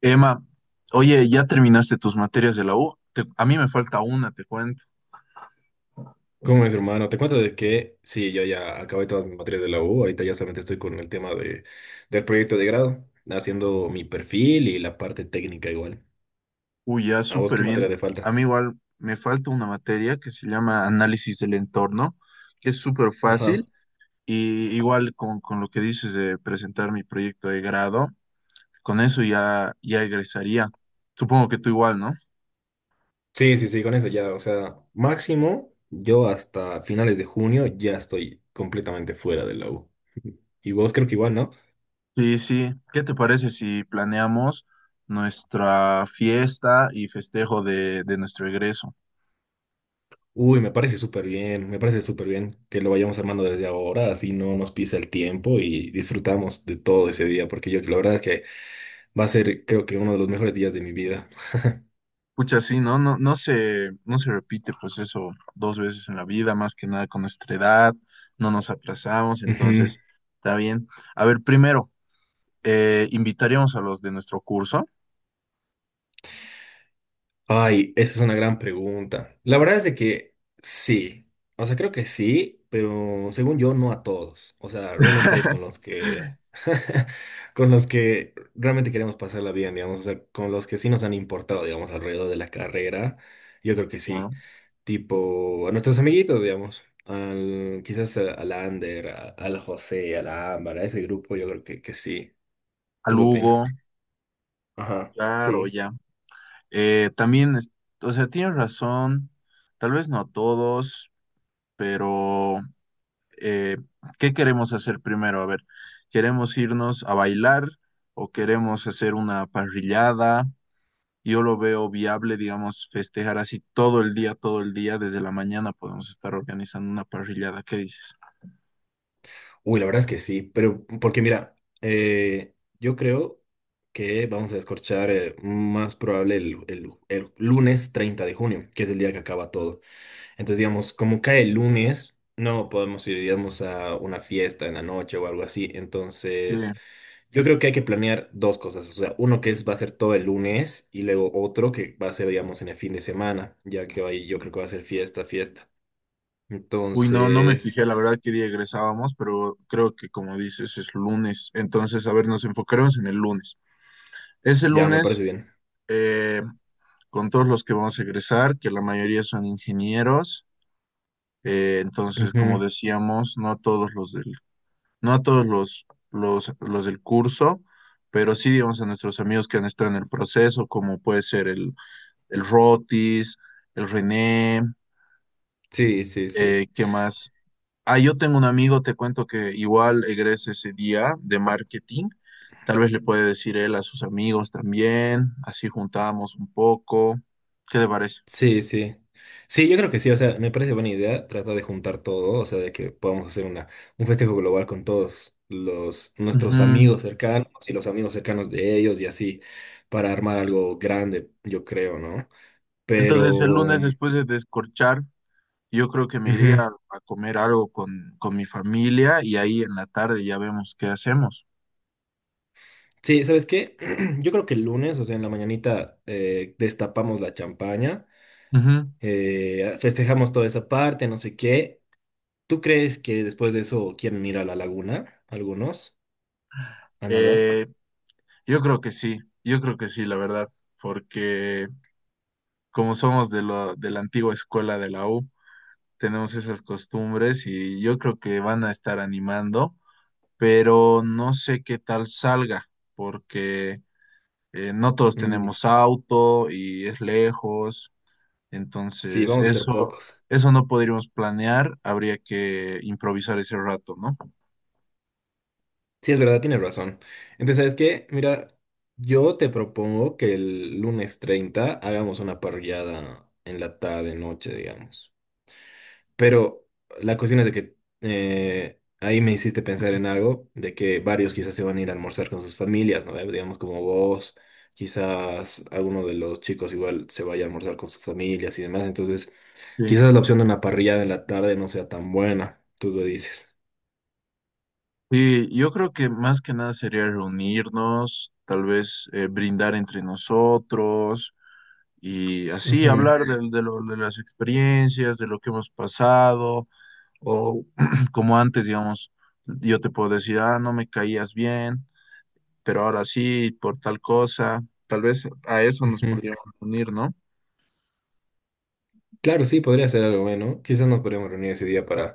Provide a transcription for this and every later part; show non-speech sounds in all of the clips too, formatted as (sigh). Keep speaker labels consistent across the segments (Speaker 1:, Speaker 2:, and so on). Speaker 1: Emma, oye, ¿ya terminaste tus materias de la U? A mí me falta una, te cuento.
Speaker 2: ¿Cómo es, hermano? Te cuento de que sí, yo ya acabé todas mis materias de la U, ahorita ya solamente estoy con el tema de, del proyecto de grado, haciendo mi perfil y la parte técnica igual.
Speaker 1: Uy, ya,
Speaker 2: ¿A vos
Speaker 1: súper
Speaker 2: qué
Speaker 1: bien.
Speaker 2: materia te falta?
Speaker 1: A mí igual me falta una materia que se llama análisis del entorno, que es súper
Speaker 2: Ajá.
Speaker 1: fácil. Y igual con lo que dices de presentar mi proyecto de grado, con eso ya, ya egresaría. Supongo que tú igual, ¿no?
Speaker 2: Sí, sí, sí, con eso ya, o sea, máximo yo hasta finales de junio ya estoy completamente fuera de la U. (laughs) Y vos creo que igual, ¿no?
Speaker 1: Sí, sí. ¿Qué te parece si planeamos nuestra fiesta y festejo de nuestro egreso?
Speaker 2: Uy, me parece súper bien, me parece súper bien que lo vayamos armando desde ahora, así no nos pisa el tiempo y disfrutamos de todo ese día, porque yo la verdad es que va a ser, creo que, uno de los mejores días de mi vida.
Speaker 1: Pucha, sí, ¿no? No, no se repite pues eso dos veces en la vida, más que nada con nuestra edad, no nos aplazamos,
Speaker 2: Ujú.
Speaker 1: entonces está bien. A ver, primero, invitaríamos a los de nuestro curso,
Speaker 2: Ay, esa es una gran pregunta. La verdad es de que sí. O sea, creo que sí, pero según yo, no a todos. O sea, realmente con los que, (laughs) con los que realmente queremos pasarla bien, digamos. O sea, con los que sí nos han importado, digamos, alrededor de la carrera. Yo creo que
Speaker 1: ya,
Speaker 2: sí. Tipo, a nuestros amiguitos, digamos. Al, quizás a- al Ander, a- al José, a la Ámbar, a ese grupo, yo creo que sí.
Speaker 1: a
Speaker 2: ¿Tú qué
Speaker 1: Lugo,
Speaker 2: opinas? Ajá,
Speaker 1: claro,
Speaker 2: sí.
Speaker 1: ya. También, o sea, tienes razón, tal vez no a todos, pero eh, ¿qué queremos hacer primero? A ver, ¿queremos irnos a bailar o queremos hacer una parrillada? Yo lo veo viable, digamos, festejar así todo el día, desde la mañana podemos estar organizando una parrillada, ¿qué dices?
Speaker 2: Uy, la verdad es que sí, pero porque mira, eh, yo creo que vamos a descorchar más probable el lunes 30 de junio, que es el día que acaba todo. Entonces, digamos, como cae el lunes, no podemos ir, digamos, a una fiesta en la noche o algo así.
Speaker 1: Eh,
Speaker 2: Entonces, yo creo que hay que planear dos cosas. O sea, uno que es va a ser todo el lunes y luego otro que va a ser, digamos, en el fin de semana, ya que ahí yo creo que va a ser fiesta, fiesta.
Speaker 1: uy, no, no me
Speaker 2: Entonces,
Speaker 1: fijé, la verdad, qué día egresábamos, pero creo que como dices, es lunes, entonces, a ver, nos enfocaremos en el lunes. Ese
Speaker 2: ya me parece
Speaker 1: lunes,
Speaker 2: bien.
Speaker 1: eh, con todos los que vamos a egresar, que la mayoría son ingenieros, entonces, como
Speaker 2: Ujú.
Speaker 1: decíamos, no a todos los del curso, pero sí, digamos, a nuestros amigos que han estado en el proceso, como puede ser el Rotis, el René,
Speaker 2: Sí, sí, sí.
Speaker 1: ¿qué más? Ah, yo tengo un amigo, te cuento que igual egresa ese día de marketing. Tal vez le puede decir él a sus amigos también, así juntamos un poco. ¿Qué te parece?
Speaker 2: Sí, sí. Sí, yo creo que sí, o sea, me parece buena idea tratar de juntar todo, o sea, de que podamos hacer una, un festejo global con todos los, nuestros
Speaker 1: Ujú.
Speaker 2: amigos cercanos y los amigos cercanos de ellos y así, para armar algo grande, yo creo, ¿no? Pero,
Speaker 1: Entonces, el lunes
Speaker 2: ujú.
Speaker 1: después de descorchar yo creo que me iría a comer algo con mi familia y ahí en la tarde ya vemos qué hacemos.
Speaker 2: Sí, ¿sabes qué? (clears throat) Yo creo que el lunes, o sea, en la mañanita, destapamos la champaña,
Speaker 1: Ujú.
Speaker 2: festejamos toda esa parte, no sé qué. ¿Tú crees que después de eso quieren ir a la laguna, algunos? ¿A nadar?
Speaker 1: Eh, yo creo que sí, yo creo que sí, la verdad, porque como somos de la antigua escuela de la U, tenemos esas costumbres y yo creo que van a estar animando, pero no sé qué tal salga, porque no todos
Speaker 2: Mm,
Speaker 1: tenemos auto y es lejos.
Speaker 2: sí,
Speaker 1: Entonces,
Speaker 2: vamos a ser
Speaker 1: eso,
Speaker 2: pocos.
Speaker 1: eso no podríamos planear, habría que improvisar ese rato, ¿no?
Speaker 2: Sí, es verdad, tienes razón. Entonces, ¿sabes qué? Mira, yo te propongo que el lunes 30 hagamos una parrillada en la tarde, noche, digamos. Pero la cuestión es de que ahí me hiciste pensar en algo, de que varios quizás se van a ir a almorzar con sus familias, ¿no? Digamos como vos, quizás alguno de los chicos igual se vaya a almorzar con sus familias y demás. Entonces,
Speaker 1: Sí.
Speaker 2: quizás la opción de una parrillada en la tarde no sea tan buena. Tú lo dices.
Speaker 1: Sí, yo creo que más que nada sería reunirnos, tal vez brindar entre nosotros y así
Speaker 2: Ujú,
Speaker 1: hablar de las experiencias, de lo que hemos pasado, o (clears throat) como antes, digamos, yo te puedo decir, ah, no me caías bien, pero ahora sí, por tal cosa, tal vez a eso nos
Speaker 2: ujú.
Speaker 1: podríamos unir, ¿no?
Speaker 2: Claro, sí, podría ser algo bueno. Quizás nos podríamos reunir ese día para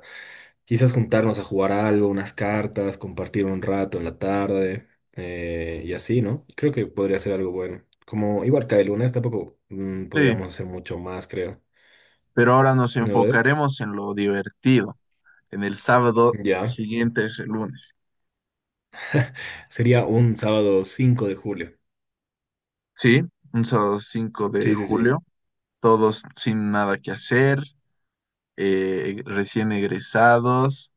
Speaker 2: quizás juntarnos a jugar algo, unas cartas, compartir un rato en la tarde y así, ¿no? Creo que podría ser algo bueno. Como igual cae lunes, tampoco
Speaker 1: Sí,
Speaker 2: podríamos hacer mucho más, creo.
Speaker 1: pero ahora nos
Speaker 2: ¿No? Ver,
Speaker 1: enfocaremos en lo divertido, en el sábado
Speaker 2: Ya.
Speaker 1: siguiente es el lunes.
Speaker 2: Sería un sábado 5 de julio.
Speaker 1: Sí, un sábado cinco de
Speaker 2: Sí, sí, sí.
Speaker 1: julio, todos sin nada que hacer, recién egresados.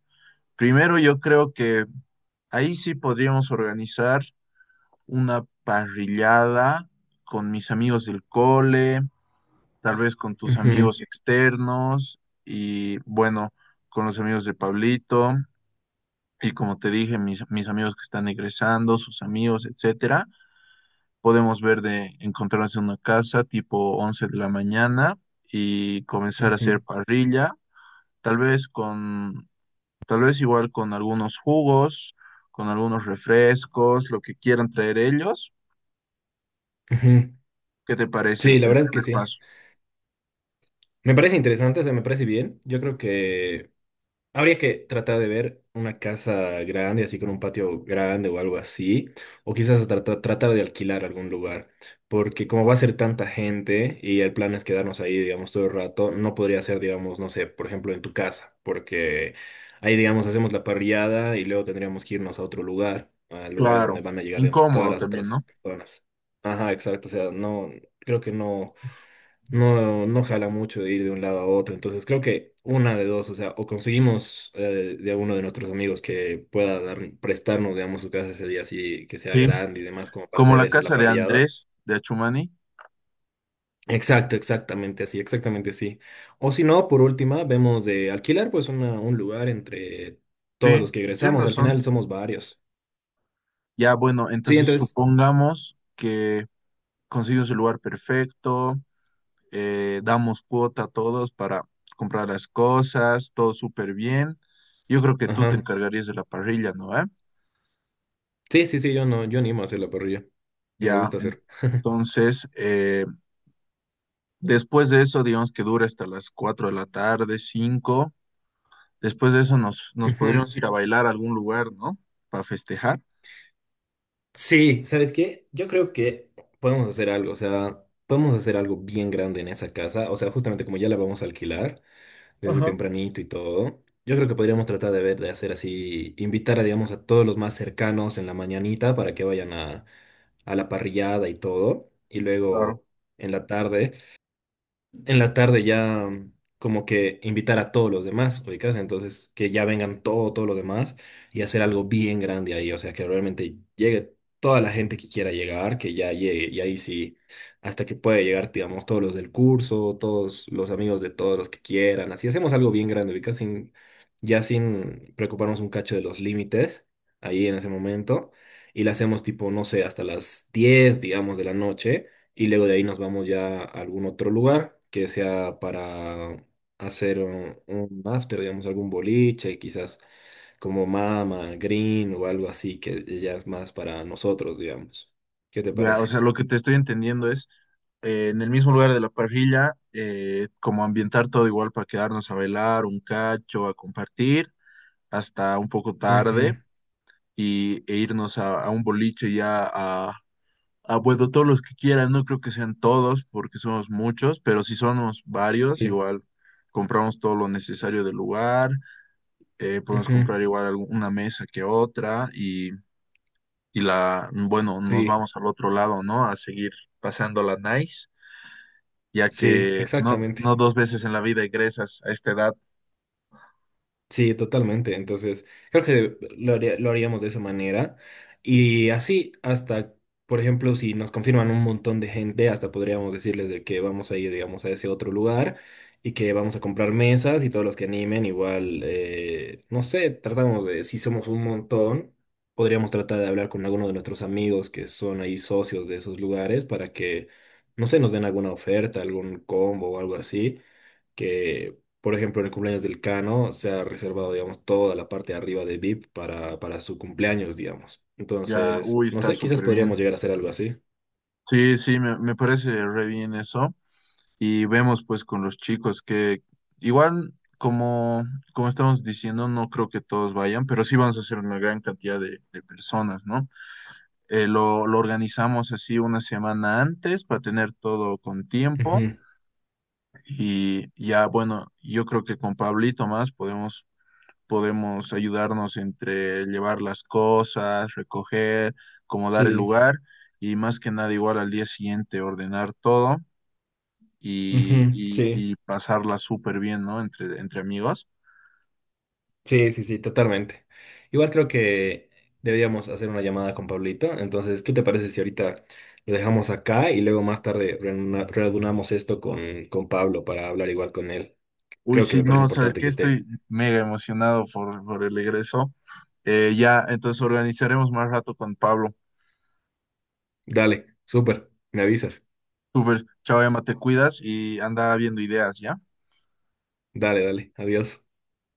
Speaker 1: Primero yo creo que ahí sí podríamos organizar una parrillada con mis amigos del cole, tal vez con tus
Speaker 2: Ujú,
Speaker 1: amigos externos y bueno, con los amigos de Pablito, y como te dije, mis amigos que están egresando, sus amigos, etcétera, podemos ver de encontrarnos en una casa tipo 11 de la mañana y comenzar a hacer
Speaker 2: ujú,
Speaker 1: parrilla, tal vez con, tal vez igual con algunos jugos, con algunos refrescos, lo que quieran traer ellos.
Speaker 2: ujú.
Speaker 1: ¿Qué te parece el
Speaker 2: Sí, la verdad es que
Speaker 1: primer
Speaker 2: sí.
Speaker 1: paso?
Speaker 2: Me parece interesante, o sea, me parece bien. Yo creo que Habría que tratar de ver una casa grande, así con un patio grande o algo así, o quizás tratar de alquilar algún lugar, porque como va a ser tanta gente y el plan es quedarnos ahí, digamos, todo el rato, no podría ser, digamos, no sé, por ejemplo, en tu casa, porque ahí, digamos, hacemos la parrillada y luego tendríamos que irnos a otro lugar, al lugar en
Speaker 1: Claro,
Speaker 2: donde van a llegar, digamos, todas
Speaker 1: incómodo
Speaker 2: las
Speaker 1: también, ¿no?
Speaker 2: otras personas. Ajá, exacto, o sea, no, creo que no no, no jala mucho de ir de un lado a otro. Entonces creo que una de dos, o sea, o conseguimos de alguno de nuestros amigos que pueda prestarnos, digamos, su casa ese día así, que sea
Speaker 1: Sí,
Speaker 2: grande y demás, como para
Speaker 1: como
Speaker 2: hacer
Speaker 1: la
Speaker 2: esa, la
Speaker 1: casa de
Speaker 2: parrillada.
Speaker 1: Andrés de Achumani.
Speaker 2: Exacto, exactamente así, exactamente así. O si no, por última, vemos de alquilar pues un lugar entre todos
Speaker 1: Sí,
Speaker 2: los que
Speaker 1: tienes
Speaker 2: egresamos. Al
Speaker 1: razón.
Speaker 2: final somos varios.
Speaker 1: Ya, bueno,
Speaker 2: Sí,
Speaker 1: entonces
Speaker 2: entonces,
Speaker 1: supongamos que consigo su lugar perfecto, damos cuota a todos para comprar las cosas, todo súper bien. Yo creo que tú te
Speaker 2: ajá.
Speaker 1: encargarías de la parrilla, ¿no? ¿Eh?
Speaker 2: Sí, sí, sí, yo no, yo animo a hacer la parrilla. Me
Speaker 1: Ya,
Speaker 2: gusta hacer.
Speaker 1: entonces, después de eso, digamos que dura hasta las 4 de la tarde, cinco. Después de eso nos
Speaker 2: Ujú.
Speaker 1: podríamos ir a bailar a algún lugar, ¿no? Para festejar.
Speaker 2: Sí, ¿sabes qué? Yo creo que podemos hacer algo, o sea, podemos hacer algo bien grande en esa casa, o sea, justamente como ya la vamos a alquilar desde
Speaker 1: Ajá.
Speaker 2: tempranito y todo, yo creo que podríamos tratar de ver, de hacer así, invitar a, digamos, a todos los más cercanos en la mañanita para que vayan a la parrillada y todo, y
Speaker 1: Claro.
Speaker 2: luego en la tarde ya como que invitar a todos los demás, ubicas, entonces que ya vengan todo, todos los demás y hacer algo bien grande ahí, o sea, que realmente llegue toda la gente que quiera llegar, que ya llegue, y ahí sí, hasta que pueda llegar, digamos, todos los del curso, todos los amigos de todos los que quieran, así hacemos algo bien grande, ubicas, sin, ya sin preocuparnos un cacho de los límites ahí en ese momento. Y la hacemos tipo, no sé, hasta las 10 digamos, de la noche y luego de ahí nos vamos ya a algún otro lugar que sea para hacer un, after, digamos, algún boliche, quizás como Mama, Green o algo así, que ya es más para nosotros, digamos. ¿Qué te
Speaker 1: Ya, o
Speaker 2: parece?
Speaker 1: sea, lo que te estoy entendiendo es en el mismo lugar de la parrilla, como ambientar todo igual para quedarnos a bailar un cacho, a compartir hasta un poco tarde
Speaker 2: Ujú,
Speaker 1: y, e irnos a un boliche ya bueno, todos los que quieran, no creo que sean todos porque somos muchos, pero si somos varios,
Speaker 2: Sí,
Speaker 1: igual compramos todo lo necesario del lugar, podemos
Speaker 2: ujú,
Speaker 1: comprar igual una mesa que otra y la, bueno, nos
Speaker 2: sí,
Speaker 1: vamos al otro lado, ¿no? A seguir pasando la nice. Ya
Speaker 2: sí,
Speaker 1: que no,
Speaker 2: exactamente.
Speaker 1: no dos veces en la vida egresas a esta edad,
Speaker 2: Sí, totalmente. Entonces, creo que lo haríamos de esa manera. Y así, hasta, por ejemplo, si nos confirman un montón de gente, hasta podríamos decirles de que vamos a ir, digamos, a ese otro lugar y que vamos a comprar mesas y todos los que animen, igual, no sé, tratamos de, si somos un montón, podríamos tratar de hablar con alguno de nuestros amigos que son ahí socios de esos lugares para que, no sé, nos den alguna oferta, algún combo o algo así que, por ejemplo, en el cumpleaños del Cano se ha reservado, digamos, toda la parte de arriba de VIP para su cumpleaños, digamos.
Speaker 1: ya,
Speaker 2: Entonces,
Speaker 1: uy,
Speaker 2: no
Speaker 1: está
Speaker 2: sé, quizás
Speaker 1: súper bien.
Speaker 2: podríamos llegar a hacer algo así.
Speaker 1: Sí, sí, me parece re bien eso. Y vemos pues con los chicos que igual, como, como estamos diciendo, no creo que todos vayan, pero sí vamos a hacer una gran cantidad de personas, ¿no? Lo organizamos así una semana antes para tener todo con tiempo.
Speaker 2: Ujú,
Speaker 1: Y ya, bueno, yo creo que con Pablito más podemos ayudarnos entre llevar las cosas, recoger, acomodar el
Speaker 2: Sí,
Speaker 1: lugar y más que nada igual al día siguiente ordenar todo
Speaker 2: ujú, sí,
Speaker 1: y pasarla súper bien, ¿no? Entre, entre amigos.
Speaker 2: sí, sí, sí, totalmente. Igual creo que deberíamos hacer una llamada con Pablito. Entonces, ¿qué te parece si ahorita lo dejamos acá y luego más tarde reunamos esto con Pablo para hablar igual con él?
Speaker 1: Uy,
Speaker 2: Creo que
Speaker 1: sí,
Speaker 2: me parece
Speaker 1: no, ¿sabes
Speaker 2: importante
Speaker 1: qué?
Speaker 2: que esté.
Speaker 1: Estoy mega emocionado por el regreso. Ya, entonces organizaremos más rato con Pablo.
Speaker 2: Dale, súper, me avisas.
Speaker 1: Súper, chao, Emma, te cuidas y anda viendo ideas, ¿ya?
Speaker 2: Dale, dale, adiós.